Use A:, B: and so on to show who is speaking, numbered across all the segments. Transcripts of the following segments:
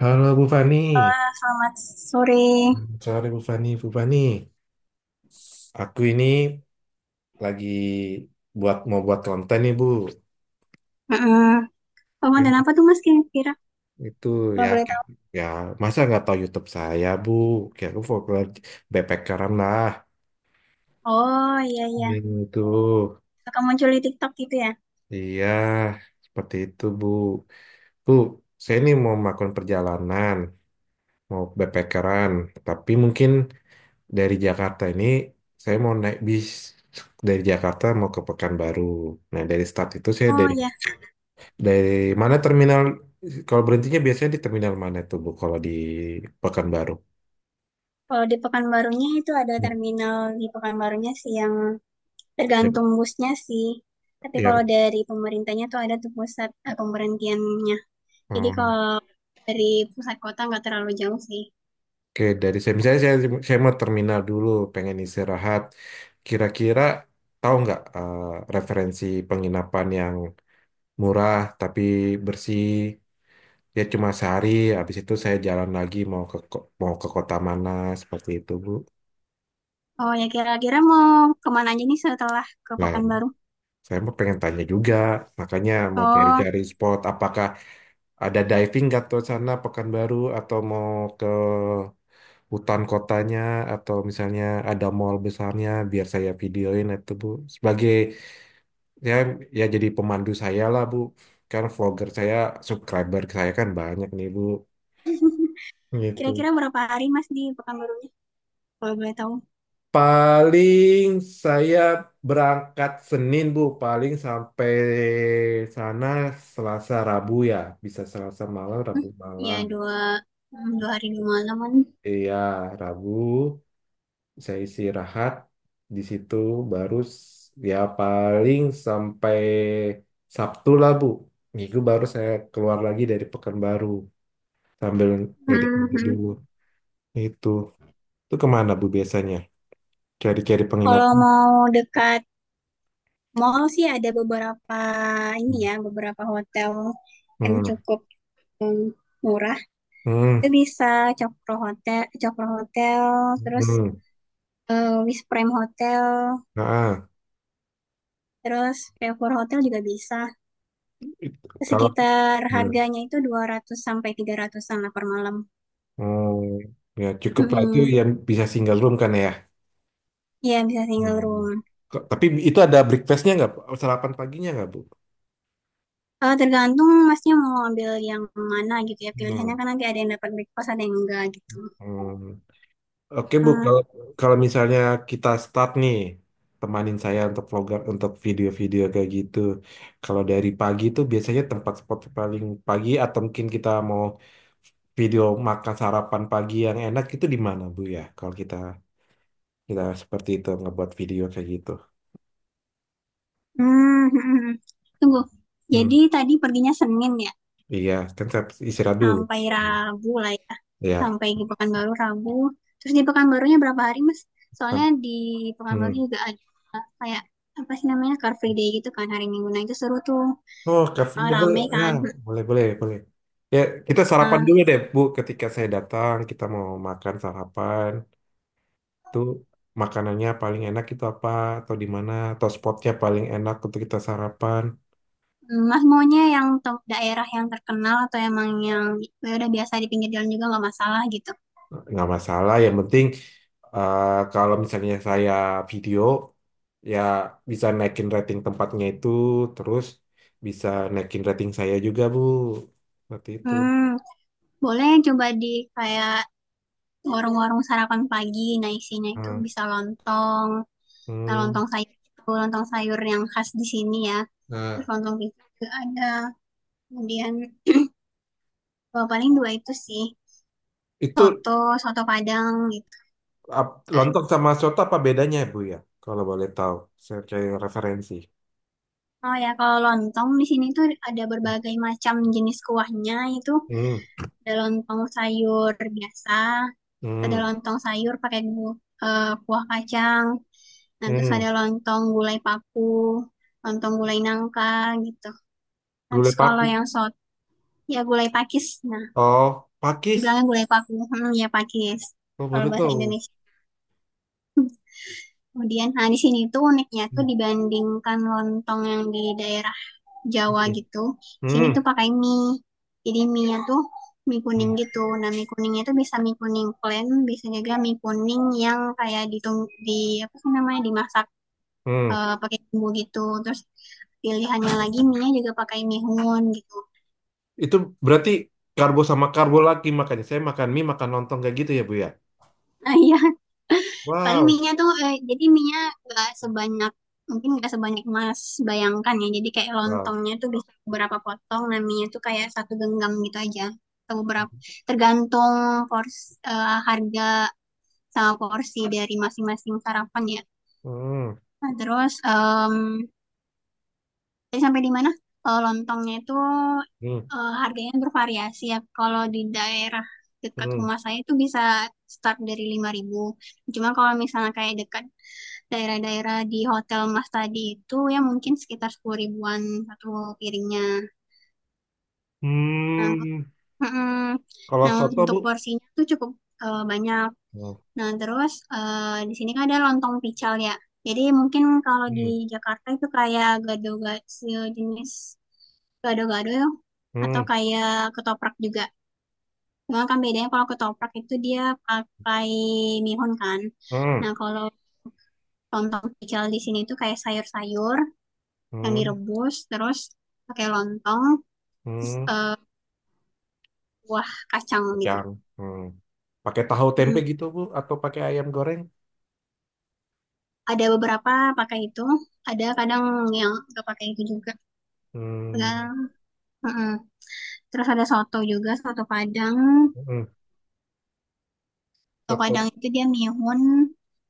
A: Halo Bu Fani,
B: Selamat sore.
A: sore Bu Fani, Bu Fani. Aku ini lagi mau buat konten nih Bu.
B: Heeh.
A: Kan
B: Ramadan apa tuh Mas kira-kira?
A: itu
B: Kalau
A: ya
B: boleh tahu.
A: ya masa nggak tahu YouTube saya Bu. Kayak aku fokus backpackeran lah.
B: Oh iya iya.
A: Itu
B: Suka muncul di TikTok gitu ya?
A: iya seperti itu Bu. Bu, saya ini mau melakukan perjalanan, mau backpackeran, tapi mungkin dari Jakarta ini saya mau naik bis dari Jakarta mau ke Pekanbaru. Nah, dari start itu saya
B: Oh
A: dari
B: iya.
A: dari mana terminal kalau berhentinya biasanya di terminal mana tuh Bu kalau di Pekanbaru?
B: Kalau di Pekanbarunya itu ada
A: Hmm.
B: terminal di Pekanbarunya sih yang
A: Yap,
B: tergantung busnya sih. Tapi kalau
A: Yang
B: dari pemerintahnya tuh ada tuh pusat pemberhentiannya. Jadi
A: um,
B: kalau dari pusat kota nggak terlalu jauh sih.
A: oke dari saya misalnya saya mau terminal dulu pengen istirahat. Kira-kira tahu nggak referensi penginapan yang murah tapi bersih. Ya cuma sehari, habis itu saya jalan lagi mau ke kota mana seperti itu, Bu.
B: Oh ya, kira-kira mau kemana aja nih setelah ke
A: Nah,
B: Pekanbaru?
A: saya mau pengen tanya juga, makanya mau
B: Oh,
A: cari-cari spot apakah ada diving nggak tuh sana Pekanbaru atau mau ke hutan kotanya atau misalnya ada mall besarnya biar saya videoin itu, Bu. Sebagai ya ya jadi pemandu saya lah, Bu. Karena vlogger saya, subscriber saya kan banyak nih, Bu. Gitu.
B: kira-kira berapa hari Mas di Pekanbarunya? Kalau boleh tahu.
A: Paling saya berangkat Senin, Bu. Paling sampai sana Selasa Rabu ya. Bisa Selasa malam,
B: Hmm,
A: Rabu
B: Ya
A: malam.
B: dua hmm, dua hari 2 malaman.
A: Iya, Rabu saya istirahat di situ baru ya paling sampai Sabtu lah, Bu. Minggu baru saya keluar lagi dari Pekanbaru sambil ngedit-ngedit
B: Mhm.
A: dulu. Itu. Itu kemana, Bu, biasanya? Cari-cari
B: Kalau
A: penginapan.
B: mau dekat mall sih ada beberapa ini
A: Hmm.
B: ya beberapa hotel yang cukup hmm, murah.
A: Hmm.
B: Itu bisa Cokro Hotel, terus
A: Hmm.
B: Wisprem Hotel,
A: Nah,
B: terus Favour Hotel juga bisa.
A: it- kalau
B: Sekitar
A: nah,
B: harganya itu 200 sampai 300-an lah per malam.
A: hmm, ya cukup lah itu
B: Mhm.
A: yang bisa single room kan ya.
B: Iya bisa single
A: Hmm.
B: room.
A: Tapi itu ada breakfastnya nggak, Bu? Sarapan paginya nggak, Bu?
B: Tergantung masnya mau ambil yang mana gitu ya.
A: Hmm.
B: Pilihannya kan nanti ada yang dapat breakfast, ada yang enggak gitu.
A: Hmm. Oke, Bu,
B: Eh,
A: kalau kalau misalnya kita start nih, temanin saya untuk vlogger, untuk video-video kayak gitu. Kalau dari pagi itu biasanya tempat spot paling pagi atau mungkin kita mau video makan sarapan pagi yang enak itu di mana, Bu ya? Kalau kita kita seperti itu ngebuat video kayak gitu.
B: hmm, Tunggu.
A: Hmm.
B: Jadi tadi perginya Senin ya,
A: Iya, kan saya istirahat dulu.
B: sampai Rabu lah ya.
A: Iya.
B: Sampai di Pekanbaru Rabu. Terus di Pekanbarunya berapa hari, Mas? Soalnya
A: Kan.
B: di Pekanbaru
A: Hmm.
B: juga ada kayak apa sih namanya Car Free Day gitu kan hari Minggu. Nah, itu seru tuh.
A: Oh, Kak
B: Eh,
A: Frida,
B: rame
A: ya,
B: kan.
A: boleh, boleh, boleh. Ya, kita sarapan
B: Nah,
A: dulu deh, Bu. Ketika saya datang, kita mau makan sarapan. Itu makanannya paling enak itu apa? Atau di mana? Atau spotnya paling enak untuk kita sarapan?
B: Mas maunya yang daerah yang terkenal atau emang yang ya udah biasa di pinggir jalan juga nggak masalah gitu.
A: Nggak masalah. Yang penting, kalau misalnya saya video, ya bisa naikin rating tempatnya itu. Terus bisa naikin rating saya juga, Bu. Seperti itu.
B: Hmm, boleh coba di kayak warung-warung sarapan pagi. Nah, isinya itu
A: Hmm.
B: bisa lontong. Nah,
A: Hmm.
B: lontong sayur itu lontong sayur yang khas di sini ya. Terus
A: Nah,
B: lontong pisang juga ada. Kemudian paling dua itu sih
A: itu
B: soto, soto Padang gitu kan.
A: lontong sama soto apa bedanya Bu ya? Kalau boleh tahu, saya cari referensi.
B: Oh ya, kalau lontong di sini tuh ada berbagai macam jenis kuahnya. Itu
A: Hmm,
B: ada lontong sayur biasa, ada
A: hmm,
B: lontong sayur pakai kuah kacang, nah, terus
A: hmm.
B: ada lontong gulai paku, lontong gulai nangka gitu. Nah,
A: Gulai
B: terus kalau
A: pakis.
B: yang ya gulai pakis. Nah,
A: Oh, pakis.
B: dibilangnya gulai paku, ya pakis
A: Oh,
B: kalau
A: baru
B: bahasa
A: tahu.
B: Indonesia. Kemudian, nah di sini tuh uniknya tuh
A: Hmm,
B: dibandingkan lontong yang di daerah Jawa
A: oke.
B: gitu, sini tuh
A: Hmm,
B: pakai mie. Jadi mie-nya tuh mie kuning
A: hmm,
B: gitu. Nah, mie kuningnya itu bisa mie kuning plain, bisa juga mie kuning yang kayak ditung di apa sih namanya dimasak
A: hmm.
B: pakai bumbu gitu. Terus pilihannya lagi mie juga pakai mihun gitu.
A: Itu berarti karbo sama karbo lagi makanya. Saya makan mie, makan lontong kayak gitu ya Bu ya?
B: Nah iya, paling
A: Wow.
B: mie-nya tuh jadi mie-nya gak sebanyak mungkin gak sebanyak Mas bayangkan ya. Jadi kayak
A: Wow.
B: lontongnya tuh bisa beberapa potong, nah mie-nya tuh kayak satu genggam gitu aja. Atau beberapa tergantung pors harga sama porsi dari masing-masing sarapan ya.
A: Hmm,
B: Nah, terus Tadi sampai di mana? Lontongnya itu
A: hmm,
B: harganya bervariasi ya. Kalau di daerah dekat
A: hmm.
B: rumah saya itu bisa start dari 5.000. Cuma kalau misalnya kayak dekat daerah-daerah di Hotel Mas tadi itu ya mungkin sekitar 10.000-an satu piringnya. Nah,
A: Hmm.
B: mm,
A: Kalau
B: nah,
A: soto Bu?
B: untuk porsinya tuh cukup banyak.
A: Oh,
B: Nah, terus di sini kan ada lontong pical ya. Jadi mungkin kalau di
A: hmm,
B: Jakarta itu kayak gado-gado sejenis gado-gado ya, atau
A: hmm,
B: kayak ketoprak juga. Cuma kan bedanya kalau ketoprak itu dia pakai mihun kan. Nah,
A: hmm,
B: kalau lontong pical di sini itu kayak sayur-sayur yang
A: hmm.
B: direbus terus pakai lontong terus,
A: Hmm.
B: buah kacang gitu.
A: yang hmm, pakai tahu tempe
B: Mm.
A: gitu Bu atau pakai ayam goreng.
B: Ada beberapa pakai itu, ada kadang yang nggak pakai itu juga.
A: Hmm,
B: Tergantung. Mm-mm. Terus ada soto juga, soto Padang.
A: hmm,
B: Soto
A: tetap.
B: Padang itu dia mihun,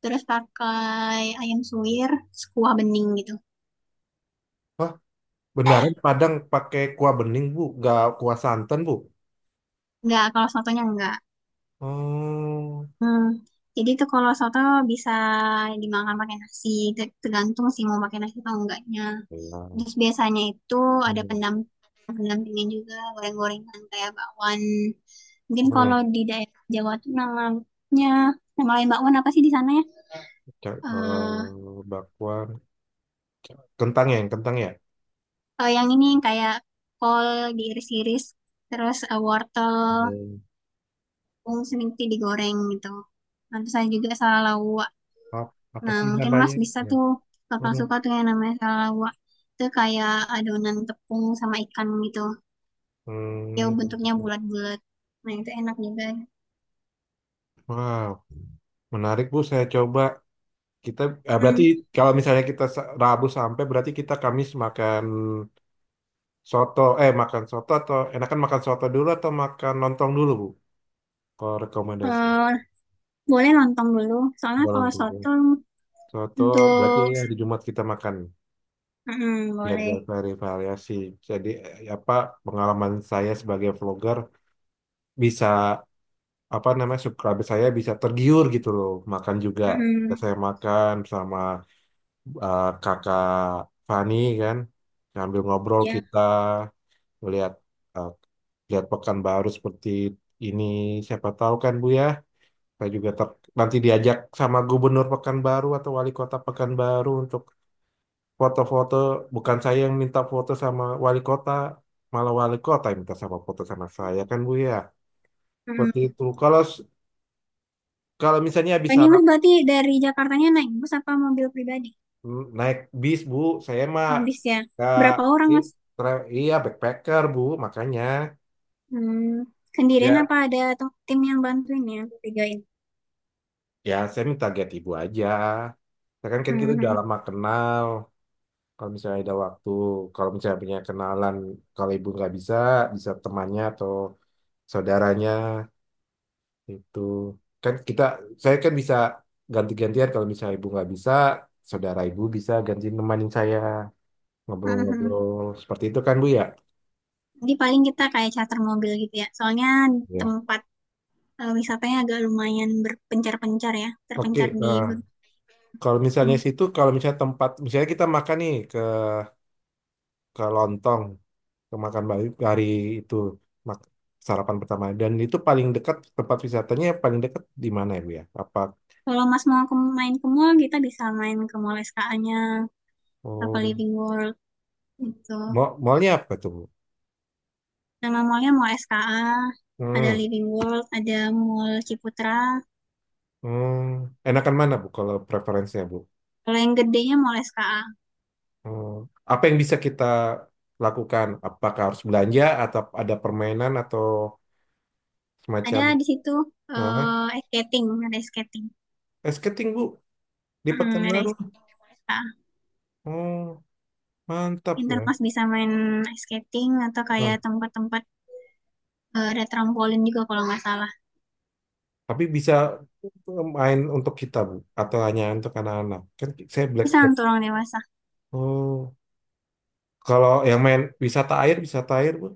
B: terus pakai ayam suwir, terus kuah bening gitu.
A: Wah, beneran Padang pakai kuah bening Bu gak kuah santan Bu?
B: Enggak, kalau sotonya enggak.
A: Oh
B: Hmm. Jadi itu kalau soto bisa dimakan pakai nasi, tergantung sih mau pakai nasi atau enggaknya.
A: iya.
B: Terus biasanya itu ada
A: Hmm,
B: pendampingnya juga, goreng-gorengan kayak bakwan. Mungkin
A: hmm,
B: kalau di daerah Jawa tuh namanya, nama lain bakwan apa sih di sana ya? Eh,
A: bakwan. Kentang ya kentang ya.
B: oh, yang ini yang kayak kol diiris-iris, terus wortel,
A: Hmm,
B: bung sedikit digoreng gitu. Nanti saya juga salalawak.
A: apa
B: Nah,
A: sih
B: mungkin
A: namanya
B: Mas bisa
A: ya.
B: tuh, kapan
A: Hmm,
B: suka tuh yang namanya salalawak. Itu kayak adonan tepung sama ikan gitu. Ya,
A: hmm,
B: bentuknya bulat-bulat. Nah, itu enak juga.
A: wow menarik Bu saya coba kita
B: Hmm,
A: berarti kalau misalnya kita Rabu sampai berarti kita Kamis makan. Soto, eh makan soto atau enakan makan soto dulu atau makan lontong dulu, Bu? Kalau rekomendasi.
B: eh, boleh lontong dulu. Soalnya
A: Kalau
B: kalau
A: lontong ya.
B: soto
A: Soto berarti
B: untuk...
A: ya di Jumat kita makan
B: Mm-mm,
A: biar
B: boleh.
A: bervariasi variasi. Jadi apa pengalaman saya sebagai vlogger bisa apa namanya subscriber saya bisa tergiur gitu loh makan juga. Ketika
B: Mm-mm,
A: saya makan sama kakak Fani kan sambil ngobrol
B: ya.
A: kita lihat eh, lihat Pekanbaru seperti ini siapa tahu kan Bu ya. Saya juga nanti diajak sama gubernur Pekanbaru atau wali kota Pekanbaru untuk foto-foto. Bukan saya yang minta foto sama wali kota, malah wali kota yang minta sama foto sama saya kan Bu ya. Seperti
B: Mm-mm.
A: itu. Kalau misalnya
B: Oh,
A: habis
B: ini
A: harap
B: Mas berarti dari Jakartanya naik bus apa mobil pribadi?
A: naik bis Bu, saya mah
B: Habis ya.
A: nggak
B: Berapa orang,
A: i-
B: Mas?
A: iya backpacker Bu, makanya
B: Hmm, sendirian apa
A: ya
B: ada tim yang bantuin ya? Bedain.
A: ya saya minta get ibu aja. Ya kan kan kita udah
B: Mhm.
A: lama kenal. Kalau misalnya ada waktu, kalau misalnya punya kenalan, kalau ibu nggak bisa, bisa temannya atau saudaranya itu. Kan kita, saya kan bisa ganti-gantian kalau misalnya ibu nggak bisa, saudara ibu bisa ganti nemanin saya
B: Mhm.
A: ngobrol-ngobrol seperti itu kan Bu ya?
B: Jadi paling kita kayak charter mobil gitu ya. Soalnya
A: Ya.
B: tempat wisatanya agak lumayan berpencar-pencar ya. Terpencar
A: Oke,
B: di...
A: kalau misalnya
B: Hmm.
A: situ, kalau misalnya tempat, misalnya kita makan nih ke lontong, ke makan hari itu mak- sarapan pertama dan itu paling dekat tempat wisatanya paling dekat di mana ya Bu ya? Apa.
B: Kalau Mas mau main ke mall, kita bisa main ke Mall SKA-nya. Atau
A: Oh,
B: Living World gitu.
A: mallnya apa tuh, Bu?
B: Nama mallnya Mall SKA. Ada
A: Hmm,
B: Living World, ada Mall Ciputra.
A: hmm. Enakan mana, Bu, kalau preferensinya, Bu?
B: Kalau yang gedenya Mall SKA.
A: Hmm. Apa yang bisa kita lakukan? Apakah harus belanja atau ada permainan atau
B: Ada
A: semacam?
B: di situ
A: Nah,
B: ice skating, ada ice skating.
A: skating, Bu, di
B: Ada ice
A: Pekanbaru.
B: skating di Malta.
A: Oh, mantap ya.
B: Intermas bisa main ice skating atau
A: Nah,
B: kayak tempat-tempat ada trampolin juga kalau nggak salah
A: tapi bisa main untuk kita, Bu, atau hanya untuk anak-anak? Kan saya black
B: bisa
A: belt.
B: untuk orang dewasa.
A: Oh, kalau yang main wisata air, Bu.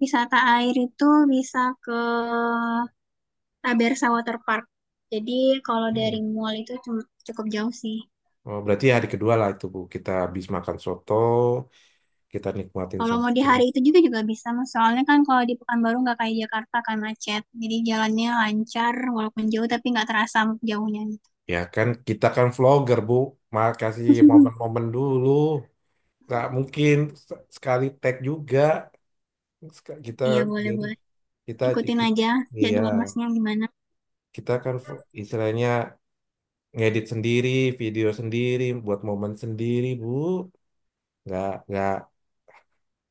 B: Wisata air itu bisa ke Tabersa Water Park, jadi kalau
A: Hmm.
B: dari mall itu cukup jauh sih.
A: Oh, berarti hari kedua lah itu Bu. Kita habis makan soto, kita nikmatin
B: Kalau mau di
A: semua
B: hari itu juga juga bisa Mas. Soalnya kan kalau di Pekanbaru nggak kayak Jakarta kan macet, jadi jalannya lancar walaupun jauh tapi nggak terasa jauhnya gitu.
A: ya kan kita kan vlogger Bu. Mal kasih momen-momen dulu nggak mungkin sekali tag juga. Kita
B: Iya boleh
A: jadi
B: boleh,
A: kita
B: ikutin aja
A: iya
B: jadwal masnya gimana.
A: kita kan istilahnya ngedit sendiri video sendiri buat momen sendiri Bu nggak nggak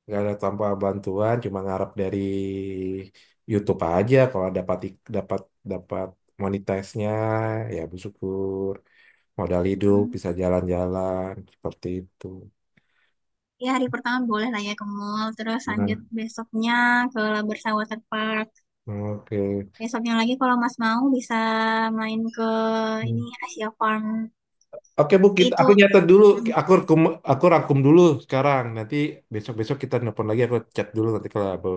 A: nggak ada tanpa bantuan cuma ngarep dari YouTube aja kalau dapat ik- dapat dapat monetize-nya ya bersyukur modal hidup
B: Hmm.
A: bisa jalan-jalan seperti itu.
B: Ya hari pertama boleh lah ya ke mall, terus lanjut
A: Nah,
B: besoknya ke Labrador Water Park.
A: oke.
B: Besoknya lagi kalau mas mau bisa main ke
A: Hmm.
B: ini Asia Farm.
A: Oke Bu, kita,
B: Itu,
A: aku nyatet dulu,
B: hmm.
A: aku rangkum, aku rangkum dulu sekarang. Nanti besok-besok kita nelpon lagi, aku chat dulu nanti kalau Bu,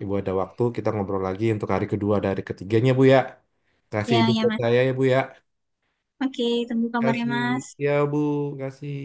A: Ibu ada waktu kita ngobrol lagi untuk hari kedua dari ketiganya Bu ya. Kasih
B: Ya,
A: hidup
B: ya
A: buat
B: mas.
A: saya ya Bu ya.
B: Oke, tunggu kabarnya
A: Kasih
B: mas.
A: ya Bu, kasih.